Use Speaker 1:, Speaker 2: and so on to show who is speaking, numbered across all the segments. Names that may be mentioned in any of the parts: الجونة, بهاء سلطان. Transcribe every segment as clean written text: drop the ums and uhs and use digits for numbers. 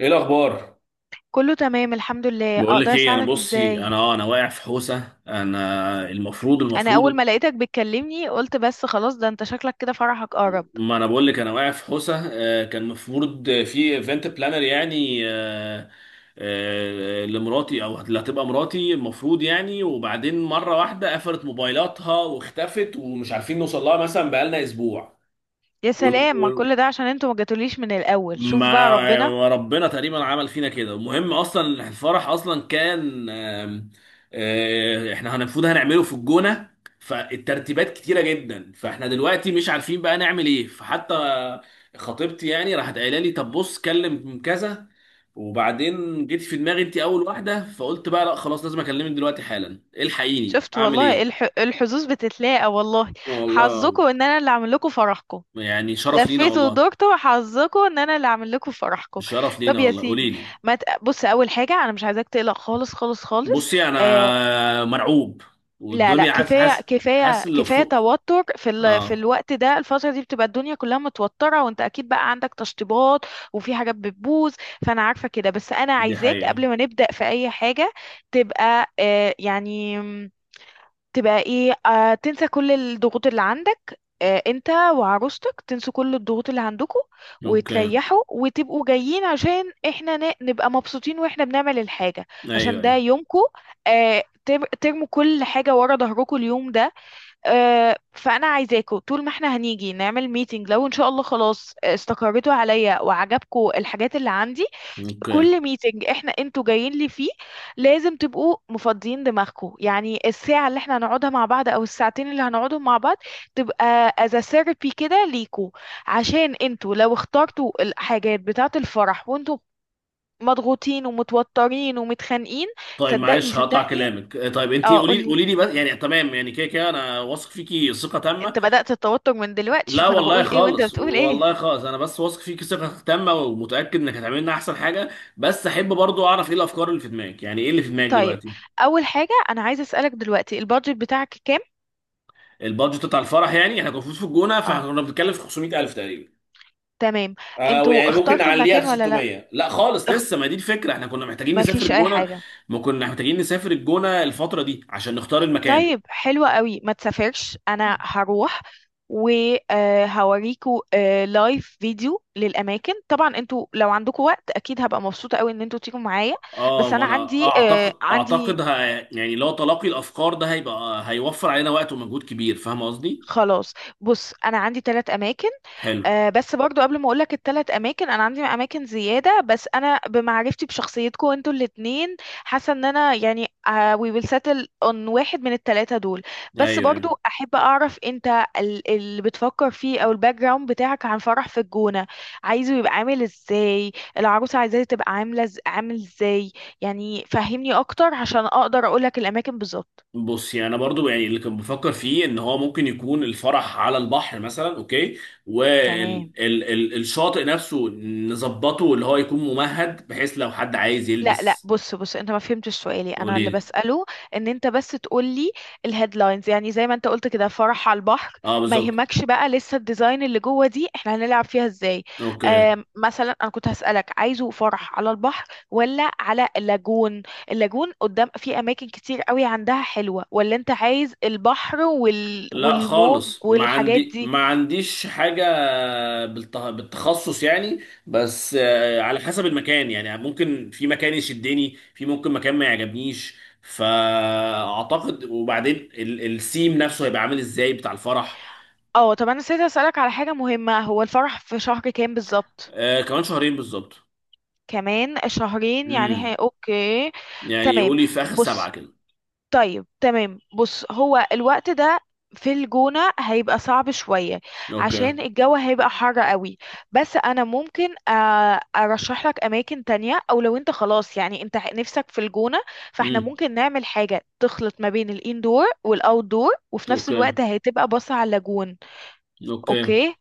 Speaker 1: ايه الاخبار؟
Speaker 2: كله تمام، الحمد لله.
Speaker 1: بقول لك
Speaker 2: اقدر
Speaker 1: ايه، انا
Speaker 2: اساعدك
Speaker 1: بصي،
Speaker 2: ازاي؟
Speaker 1: انا واقع في حوسه. انا المفروض
Speaker 2: انا اول
Speaker 1: المفروض.
Speaker 2: ما لقيتك بتكلمني قلت بس خلاص ده انت شكلك كده فرحك قرب.
Speaker 1: ما انا بقول لك انا واقع في حوسه. كان المفروض في ايفنت بلانر، يعني لمراتي او اللي هتبقى مراتي المفروض، يعني، وبعدين مره واحده قفلت موبايلاتها واختفت ومش عارفين نوصل لها مثلا بقالنا اسبوع.
Speaker 2: يا سلام، ما كل ده عشان انتوا ما جاتوليش من الاول. شوف بقى
Speaker 1: ما
Speaker 2: ربنا.
Speaker 1: وربنا تقريبا عمل فينا كده. المهم اصلا الفرح اصلا كان احنا المفروض هنعمله في الجونه. فالترتيبات كتيره جدا، فاحنا دلوقتي مش عارفين بقى نعمل ايه. فحتى خطيبتي يعني راحت قايله لي طب بص كلم كذا، وبعدين جيت في دماغي انت اول واحده، فقلت بقى لا خلاص لازم اكلمك دلوقتي حالا. الحقيني
Speaker 2: شفت
Speaker 1: اعمل
Speaker 2: والله
Speaker 1: ايه.
Speaker 2: الحظوظ بتتلاقى والله.
Speaker 1: والله
Speaker 2: حظكم ان انا اللي اعمل لكم فرحكم.
Speaker 1: يعني شرف لينا
Speaker 2: لفيتوا
Speaker 1: والله.
Speaker 2: ودورتوا، حظكم ان انا اللي اعمل لكم فرحكم.
Speaker 1: الشرف
Speaker 2: طب
Speaker 1: لينا
Speaker 2: يا
Speaker 1: والله.
Speaker 2: سيدي.
Speaker 1: قولي لي.
Speaker 2: ما ت... بص، اول حاجه انا مش عايزاك تقلق خالص خالص خالص.
Speaker 1: بصي
Speaker 2: آه،
Speaker 1: انا مرعوب.
Speaker 2: لا لا،
Speaker 1: والدنيا حاسس
Speaker 2: كفايه
Speaker 1: حاسس
Speaker 2: كفايه
Speaker 1: حاسس اللي
Speaker 2: كفايه
Speaker 1: فوق.
Speaker 2: توتر، في
Speaker 1: اه،
Speaker 2: الوقت ده. الفتره دي بتبقى الدنيا كلها متوتره، وانت اكيد بقى عندك تشطيبات وفي حاجات بتبوظ. فانا عارفه كده، بس انا
Speaker 1: دي
Speaker 2: عايزاك
Speaker 1: حقيقة.
Speaker 2: قبل ما نبدا في اي حاجه تبقى يعني، تبقى ايه، تنسى كل الضغوط اللي عندك، انت وعروستك تنسوا كل الضغوط اللي عندكم،
Speaker 1: اوكي.
Speaker 2: وتريحوا وتبقوا جايين عشان احنا نبقى مبسوطين واحنا بنعمل الحاجة،
Speaker 1: ايوه،
Speaker 2: عشان
Speaker 1: ايوه.
Speaker 2: ده يومكم. ترموا كل حاجة ورا ظهركم اليوم ده. فأنا عايزاكم، طول ما احنا هنيجي نعمل ميتنج، لو ان شاء الله خلاص استقريتوا عليا وعجبكم الحاجات اللي عندي،
Speaker 1: اوكي.
Speaker 2: كل ميتنج انتوا جايين لي فيه لازم تبقوا مفضيين دماغكم. يعني الساعة اللي احنا هنقعدها مع بعض او الساعتين اللي هنقعدهم مع بعض تبقى as a therapy كده ليكوا. عشان انتوا لو اخترتوا الحاجات بتاعة الفرح وانتوا مضغوطين ومتوترين ومتخانقين.
Speaker 1: طيب
Speaker 2: صدقني
Speaker 1: معلش هقطع
Speaker 2: صدقني.
Speaker 1: كلامك. طيب انت
Speaker 2: اه،
Speaker 1: قولي
Speaker 2: قولي.
Speaker 1: قولي لي بس. يعني تمام، يعني كده كده انا واثق فيكي ثقة
Speaker 2: انت
Speaker 1: تامة.
Speaker 2: بدأت التوتر من دلوقتي،
Speaker 1: لا
Speaker 2: شوف انا
Speaker 1: والله
Speaker 2: بقول ايه وانت
Speaker 1: خالص،
Speaker 2: بتقول ايه.
Speaker 1: والله خالص، انا بس واثق فيكي ثقة تامة ومتأكد انك هتعملي لنا احسن حاجة. بس احب برضو اعرف ايه الافكار اللي في دماغك، يعني ايه اللي في دماغك
Speaker 2: طيب،
Speaker 1: دلوقتي.
Speaker 2: اول حاجة انا عايزة اسألك دلوقتي، البادجت بتاعك كام؟
Speaker 1: البادجت بتاع الفرح يعني احنا كنا المفروض في الجونة، فاحنا
Speaker 2: اه،
Speaker 1: كنا بنتكلم في 500,000 تقريبا.
Speaker 2: تمام. انتوا
Speaker 1: يعني ممكن
Speaker 2: اخترتوا
Speaker 1: نعليها
Speaker 2: المكان
Speaker 1: ل
Speaker 2: ولا؟ لا.
Speaker 1: 600. لا خالص لسه، ما دي الفكره، احنا كنا محتاجين
Speaker 2: ما
Speaker 1: نسافر
Speaker 2: فيش اي
Speaker 1: الجونه.
Speaker 2: حاجه.
Speaker 1: ما كنا محتاجين نسافر الجونه الفتره دي عشان نختار المكان.
Speaker 2: طيب، حلوة قوي، ما تسافرش، انا هروح وهوريكوا لايف فيديو للاماكن. طبعا انتوا لو عندكم وقت اكيد هبقى مبسوطه قوي ان انتوا تيجوا معايا.
Speaker 1: اه،
Speaker 2: بس
Speaker 1: ما
Speaker 2: انا
Speaker 1: انا
Speaker 2: عندي
Speaker 1: اعتقد،
Speaker 2: آه، عندي
Speaker 1: يعني لو تلاقي الافكار ده هيوفر علينا وقت ومجهود كبير، فاهم قصدي.
Speaker 2: خلاص. بص، انا عندي 3 اماكن.
Speaker 1: حلو.
Speaker 2: بس برضو قبل ما اقولك ال3 اماكن، انا عندي اماكن زياده، بس انا بمعرفتي بشخصيتكم انتوا الاتنين حاسه ان انا يعني، we will settle on واحد من التلاته دول.
Speaker 1: ايوه،
Speaker 2: بس برضو
Speaker 1: ايوه.
Speaker 2: احب اعرف انت اللي بتفكر فيه او الباك جراوند بتاعك عن فرح في الجونه. عايزه يبقى عامل ازاي؟ العروسه عايزاه تبقى عامله عامل ازاي؟ يعني فهمني اكتر عشان اقدر اقولك الاماكن بالظبط.
Speaker 1: بص يعني انا برضو، يعني اللي كنت بفكر فيه ان هو ممكن يكون الفرح على البحر مثلا، اوكي،
Speaker 2: تمام.
Speaker 1: والشاطئ نفسه نظبطه اللي هو يكون ممهد بحيث لو حد عايز
Speaker 2: لا لا،
Speaker 1: يلبس.
Speaker 2: بص بص، انت ما فهمتش سؤالي انا اللي
Speaker 1: قولي.
Speaker 2: بسأله. ان انت بس تقولي الهيدلاينز، يعني زي ما انت قلت كده، فرح على البحر.
Speaker 1: اه،
Speaker 2: ما
Speaker 1: بالظبط.
Speaker 2: يهمكش بقى لسه الديزاين اللي جوه دي احنا هنلعب فيها ازاي.
Speaker 1: اوكي.
Speaker 2: مثلا انا كنت هسألك، عايزه فرح على البحر ولا على اللاجون؟ اللاجون قدام في اماكن كتير قوي عندها حلوة، ولا انت عايز البحر
Speaker 1: لا
Speaker 2: والموج
Speaker 1: خالص،
Speaker 2: والحاجات دي؟
Speaker 1: ما عنديش حاجة بالتخصص يعني. بس على حسب المكان، يعني ممكن في مكان يشدني، في ممكن مكان ما يعجبنيش. فأعتقد، وبعدين السيم نفسه هيبقى عامل ازاي بتاع الفرح.
Speaker 2: اه، طب انا نسيت اسألك على حاجة مهمة، هو الفرح في شهر كام بالظبط؟
Speaker 1: كمان شهرين بالظبط.
Speaker 2: كمان شهرين، يعني
Speaker 1: امم
Speaker 2: هي، اوكي.
Speaker 1: يعني
Speaker 2: تمام.
Speaker 1: يقولي في آخر
Speaker 2: بص،
Speaker 1: سبعة كده.
Speaker 2: طيب تمام، بص، هو الوقت ده في الجونة هيبقى صعب شوية، عشان
Speaker 1: اوكي.
Speaker 2: الجو هيبقى حر قوي. بس انا ممكن ارشح لك اماكن تانية، او لو انت خلاص يعني انت نفسك في الجونة، فاحنا
Speaker 1: امم
Speaker 2: ممكن نعمل حاجة تخلط ما بين الاندور والاوتدور، وفي نفس
Speaker 1: اوكي.
Speaker 2: الوقت هتبقى باصة على اللاجون.
Speaker 1: اوكي،
Speaker 2: اوكي.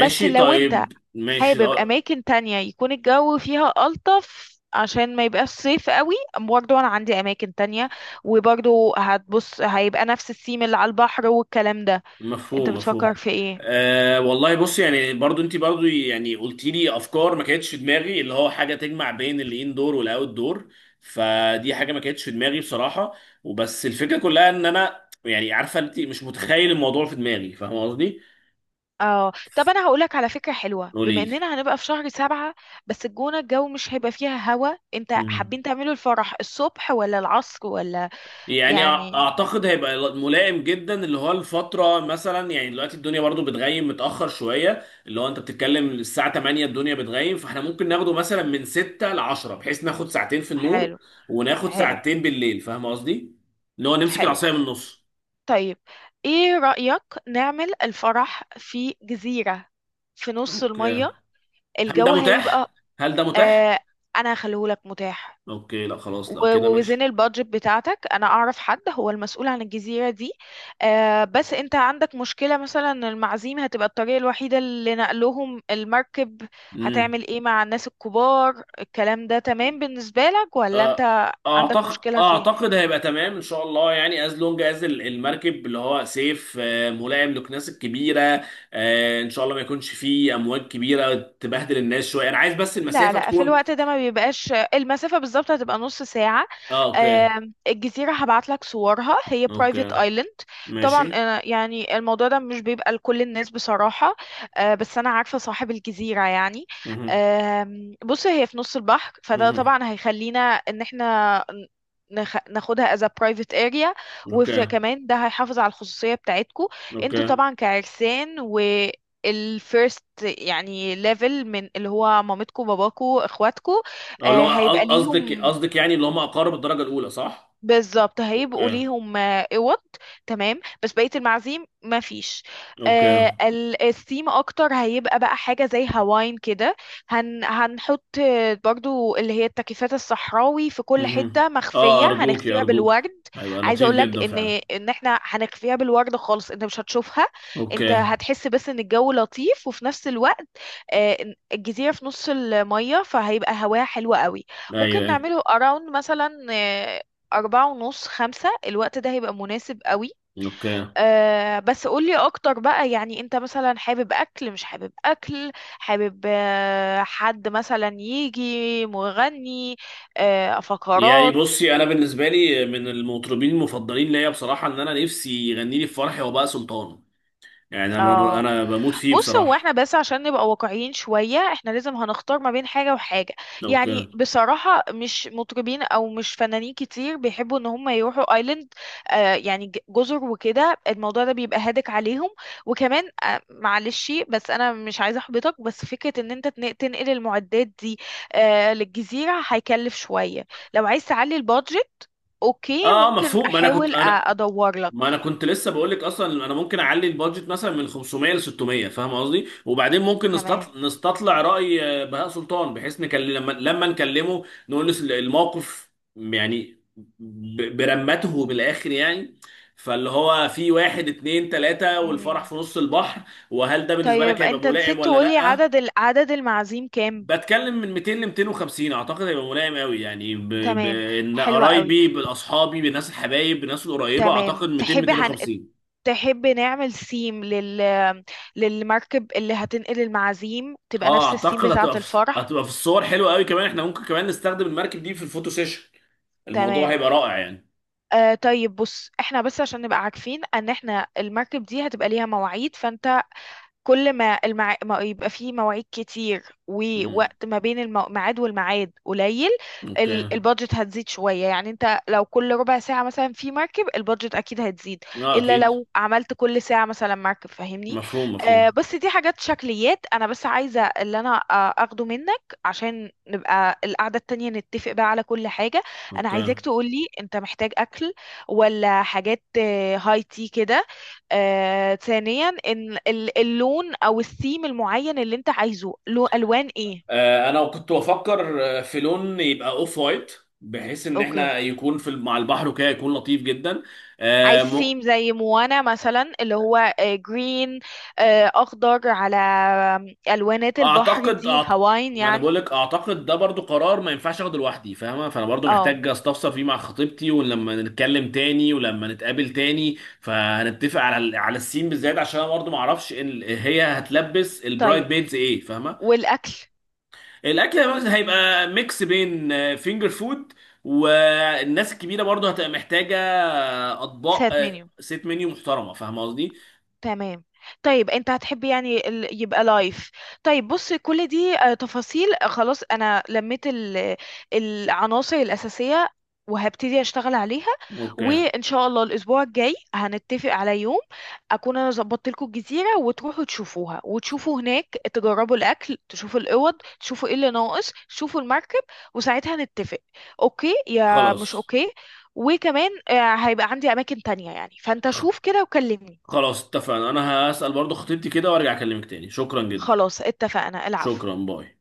Speaker 2: بس لو انت
Speaker 1: طيب، ماشي،
Speaker 2: حابب
Speaker 1: اه.
Speaker 2: اماكن تانية يكون الجو فيها الطف عشان ما يبقاش صيف قوي، برضو انا عندي اماكن تانية، وبرضو هتبص هيبقى نفس الثيم اللي على البحر والكلام ده. انت
Speaker 1: مفهوم،
Speaker 2: بتفكر
Speaker 1: مفهوم.
Speaker 2: في ايه؟
Speaker 1: أه والله، بص يعني برضو، انت برضو يعني قلت لي افكار ما كانتش في دماغي اللي هو حاجه تجمع بين الان دور والاوت دور. فدي حاجه ما كانتش في دماغي بصراحه. وبس الفكره كلها ان انا يعني عارفه انت مش متخيل الموضوع في دماغي، فاهم قصدي.
Speaker 2: اه، طب انا هقولك على فكرة حلوة، بما
Speaker 1: قولي
Speaker 2: اننا هنبقى في شهر 7، بس الجونة الجو مش هيبقى فيها هوا. انت
Speaker 1: لي.
Speaker 2: حابين تعملوا الفرح الصبح ولا العصر ولا؟
Speaker 1: يعني
Speaker 2: يعني،
Speaker 1: اعتقد هيبقى ملائم جدا، اللي هو الفتره مثلا، يعني دلوقتي الدنيا برضو بتغيم متاخر شويه، اللي هو انت بتتكلم الساعه 8 الدنيا بتغيم، فاحنا ممكن ناخده مثلا من 6 ل 10 بحيث ناخد ساعتين في النور
Speaker 2: حلو.
Speaker 1: وناخد
Speaker 2: حلو.
Speaker 1: ساعتين بالليل، فاهم قصدي، اللي هو نمسك
Speaker 2: حلو.
Speaker 1: العصايه من النص.
Speaker 2: طيب، ايه رأيك نعمل الفرح في جزيرة في نص
Speaker 1: اوكي.
Speaker 2: المية؟
Speaker 1: هل ده
Speaker 2: الجو هيبقى...
Speaker 1: متاح هل ده متاح؟
Speaker 2: آه، انا هخليهولك متاح.
Speaker 1: اوكي، لا خلاص لو كده.
Speaker 2: ووزن البادجت بتاعتك، انا اعرف حد هو المسؤول عن الجزيرة دي. بس انت عندك مشكلة مثلا إن المعازيم هتبقى الطريقة الوحيدة اللي نقلهم المركب؟
Speaker 1: ماشي.
Speaker 2: هتعمل ايه مع الناس الكبار الكلام ده؟ تمام بالنسبة لك ولا
Speaker 1: آه،
Speaker 2: انت عندك
Speaker 1: اعتقد،
Speaker 2: مشكلة فيها؟
Speaker 1: هيبقى تمام ان شاء الله. يعني از لونج از المركب اللي هو سيف ملائم للناس الكبيره. ان شاء الله ما يكونش فيه امواج كبيره تبهدل الناس شويه. انا عايز بس
Speaker 2: لا
Speaker 1: المسافه
Speaker 2: لا، في
Speaker 1: تكون.
Speaker 2: الوقت ده ما بيبقاش. المسافة بالظبط هتبقى نص ساعة.
Speaker 1: اه، اوكي.
Speaker 2: الجزيرة هبعت لك صورها، هي برايفت
Speaker 1: اوكي،
Speaker 2: ايلاند. طبعا
Speaker 1: ماشي.
Speaker 2: يعني الموضوع ده مش بيبقى لكل الناس بصراحة. بس أنا عارفة صاحب الجزيرة، يعني
Speaker 1: مه.
Speaker 2: بص هي في نص البحر، فده
Speaker 1: مه.
Speaker 2: طبعا هيخلينا إن احنا ناخدها as a private area،
Speaker 1: اوكي.
Speaker 2: وكمان ده هيحافظ على الخصوصية بتاعتكو. انتوا
Speaker 1: اوكي.
Speaker 2: طبعا كعرسان، الفيرست يعني ليفل من اللي هو مامتكو باباكو اخواتكو،
Speaker 1: اللي
Speaker 2: آه،
Speaker 1: هو
Speaker 2: هيبقى
Speaker 1: قصدك،
Speaker 2: ليهم.
Speaker 1: يعني اللي هم اقارب الدرجه الاولى، صح؟
Speaker 2: بالظبط هيبقوا
Speaker 1: اوكي.
Speaker 2: ليهم اوض. تمام، بس بقيه المعازيم ما فيش.
Speaker 1: اوكي.
Speaker 2: الثيم اكتر هيبقى بقى حاجه زي هواين كده. هنحط برضو اللي هي التكييفات الصحراوي في كل
Speaker 1: مه.
Speaker 2: حته
Speaker 1: اه،
Speaker 2: مخفيه
Speaker 1: ارجوك، يا
Speaker 2: هنخفيها
Speaker 1: ارجوك.
Speaker 2: بالورد.
Speaker 1: هيبقى
Speaker 2: عايزه
Speaker 1: لطيف
Speaker 2: اقول لك
Speaker 1: جدا
Speaker 2: ان
Speaker 1: فعلا.
Speaker 2: ان احنا هنخفيها بالورد خالص، انت مش هتشوفها.
Speaker 1: اوكي.
Speaker 2: انت هتحس بس ان الجو لطيف، وفي نفس الوقت آه، الجزيره في نص الميه فهيبقى هواها حلو قوي.
Speaker 1: ايوه،
Speaker 2: ممكن
Speaker 1: ايوه.
Speaker 2: نعمله اراوند مثلا 4:30 خمسة، الوقت ده هيبقى مناسب قوي.
Speaker 1: اوكي.
Speaker 2: أه، بس قولي أكتر بقى، يعني أنت مثلا حابب أكل مش حابب أكل؟ حابب حد مثلا يجي مغني؟ أه،
Speaker 1: يعني
Speaker 2: فقرات؟
Speaker 1: بصي، انا بالنسبه لي من المطربين المفضلين ليا بصراحه ان انا نفسي يغني لي في فرحي وباء سلطان. يعني انا،
Speaker 2: اه،
Speaker 1: بموت فيه
Speaker 2: بص، هو
Speaker 1: بصراحه.
Speaker 2: احنا بس عشان نبقى واقعيين شوية احنا لازم هنختار ما بين حاجة وحاجة.
Speaker 1: لو
Speaker 2: يعني
Speaker 1: كان.
Speaker 2: بصراحة مش مطربين او مش فنانين كتير بيحبوا ان هم يروحوا ايلاند، يعني جزر وكده، الموضوع ده بيبقى هادك عليهم. وكمان معلش، بس انا مش عايزة احبطك، بس فكرة ان انت تنقل المعدات دي للجزيرة هيكلف شوية. لو عايز تعلي البادجت اوكي،
Speaker 1: اه،
Speaker 2: ممكن
Speaker 1: مفهوم.
Speaker 2: احاول ادور لك.
Speaker 1: ما انا كنت لسه بقول لك، اصلا انا ممكن اعلي البادجت مثلا من 500 ل 600، فاهم قصدي. وبعدين ممكن نستطلع راي بهاء سلطان، بحيث نكلم، لما نكلمه نقول له الموقف، يعني برمته من الاخر يعني. فاللي هو في واحد اتنين تلاتة، والفرح
Speaker 2: تمام.
Speaker 1: في نص البحر. وهل ده بالنسبة لك
Speaker 2: طيب،
Speaker 1: هيبقى
Speaker 2: انت
Speaker 1: ملائم
Speaker 2: نسيت
Speaker 1: ولا
Speaker 2: تقولي
Speaker 1: لأ؟
Speaker 2: عدد المعازيم كام؟
Speaker 1: بتكلم من 200 ل 250، اعتقد هيبقى ملائم قوي. يعني
Speaker 2: تمام،
Speaker 1: بان
Speaker 2: حلوة قوي.
Speaker 1: قرايبي، باصحابي، بالناس الحبايب، بالناس القريبة،
Speaker 2: تمام،
Speaker 1: اعتقد 200 250.
Speaker 2: تحبي نعمل سيم للمركب اللي هتنقل المعازيم، تبقى
Speaker 1: اه،
Speaker 2: نفس السيم
Speaker 1: اعتقد
Speaker 2: بتاعة الفرح؟
Speaker 1: هتبقى في الصور حلوه قوي. كمان احنا ممكن كمان نستخدم المركب دي في الفوتو سيشن. الموضوع
Speaker 2: تمام.
Speaker 1: هيبقى رائع يعني.
Speaker 2: طيب، بص احنا بس عشان نبقى عارفين ان احنا المركب دي هتبقى ليها مواعيد، فانت كل ما ما يبقى فيه مواعيد كتير
Speaker 1: امم
Speaker 2: ووقت ما بين الميعاد والميعاد قليل،
Speaker 1: اوكي.
Speaker 2: البادجت هتزيد شوية. يعني انت لو كل ربع ساعة مثلا في مركب البادجت اكيد هتزيد،
Speaker 1: اه،
Speaker 2: الا
Speaker 1: اكيد.
Speaker 2: لو عملت كل ساعة مثلا مركب، فاهمني.
Speaker 1: مفهوم، مفهوم.
Speaker 2: بس دي حاجات شكليات، انا بس عايزة اللي انا اخده منك عشان نبقى القعدة التانية نتفق بقى على كل حاجة. انا
Speaker 1: اوكي.
Speaker 2: عايزاك تقولي، انت محتاج اكل ولا حاجات هاي تي كده؟ ثانيا، ان اللون او الثيم المعين اللي انت عايزه له الوان ايه؟
Speaker 1: آه، انا كنت بفكر في لون يبقى اوف وايت، بحيث ان
Speaker 2: اوكي.
Speaker 1: احنا يكون في مع البحر وكده يكون لطيف جدا.
Speaker 2: عايز
Speaker 1: آه.
Speaker 2: ثيم زي موانا مثلا اللي هو جرين، اخضر على الوانات البحر
Speaker 1: اعتقد،
Speaker 2: دي، هواين
Speaker 1: ما انا
Speaker 2: يعني؟
Speaker 1: بقول لك، اعتقد ده برضو قرار ما ينفعش اخده لوحدي، فاهمه. فانا برضو
Speaker 2: اه،
Speaker 1: محتاج استفسر فيه مع خطيبتي، ولما نتكلم تاني ولما نتقابل تاني، فهنتفق على على السين بالذات، عشان انا برضو ما اعرفش هي هتلبس البرايد
Speaker 2: طيب،
Speaker 1: بيدز ايه، فاهمه.
Speaker 2: والاكل؟
Speaker 1: الاكل هيبقى ميكس بين فينجر فود، والناس الكبيره برضو هتبقى محتاجه اطباق،
Speaker 2: سات منيو،
Speaker 1: سيت منيو محترمه، فاهمه قصدي.
Speaker 2: تمام. طيب انت هتحب يعني يبقى لايف؟ طيب بص كل دي تفاصيل. خلاص انا لميت العناصر الأساسية وهبتدي اشتغل عليها،
Speaker 1: اوكي.
Speaker 2: وان شاء الله الاسبوع الجاي هنتفق على يوم اكون انا ظبطت لكم الجزيره، وتروحوا تشوفوها وتشوفوا هناك، تجربوا الاكل، تشوفوا الاوض، تشوفوا ايه اللي ناقص، تشوفوا المركب، وساعتها نتفق اوكي يا مش
Speaker 1: خلاص،
Speaker 2: اوكي. وكمان هيبقى عندي اماكن تانية، يعني فانت شوف كده وكلمني.
Speaker 1: خلاص اتفقنا، انا هسأل برضو خطيبتي كده وارجع اكلمك تاني. شكرا جدا.
Speaker 2: خلاص اتفقنا. العفو.
Speaker 1: شكرا، باي.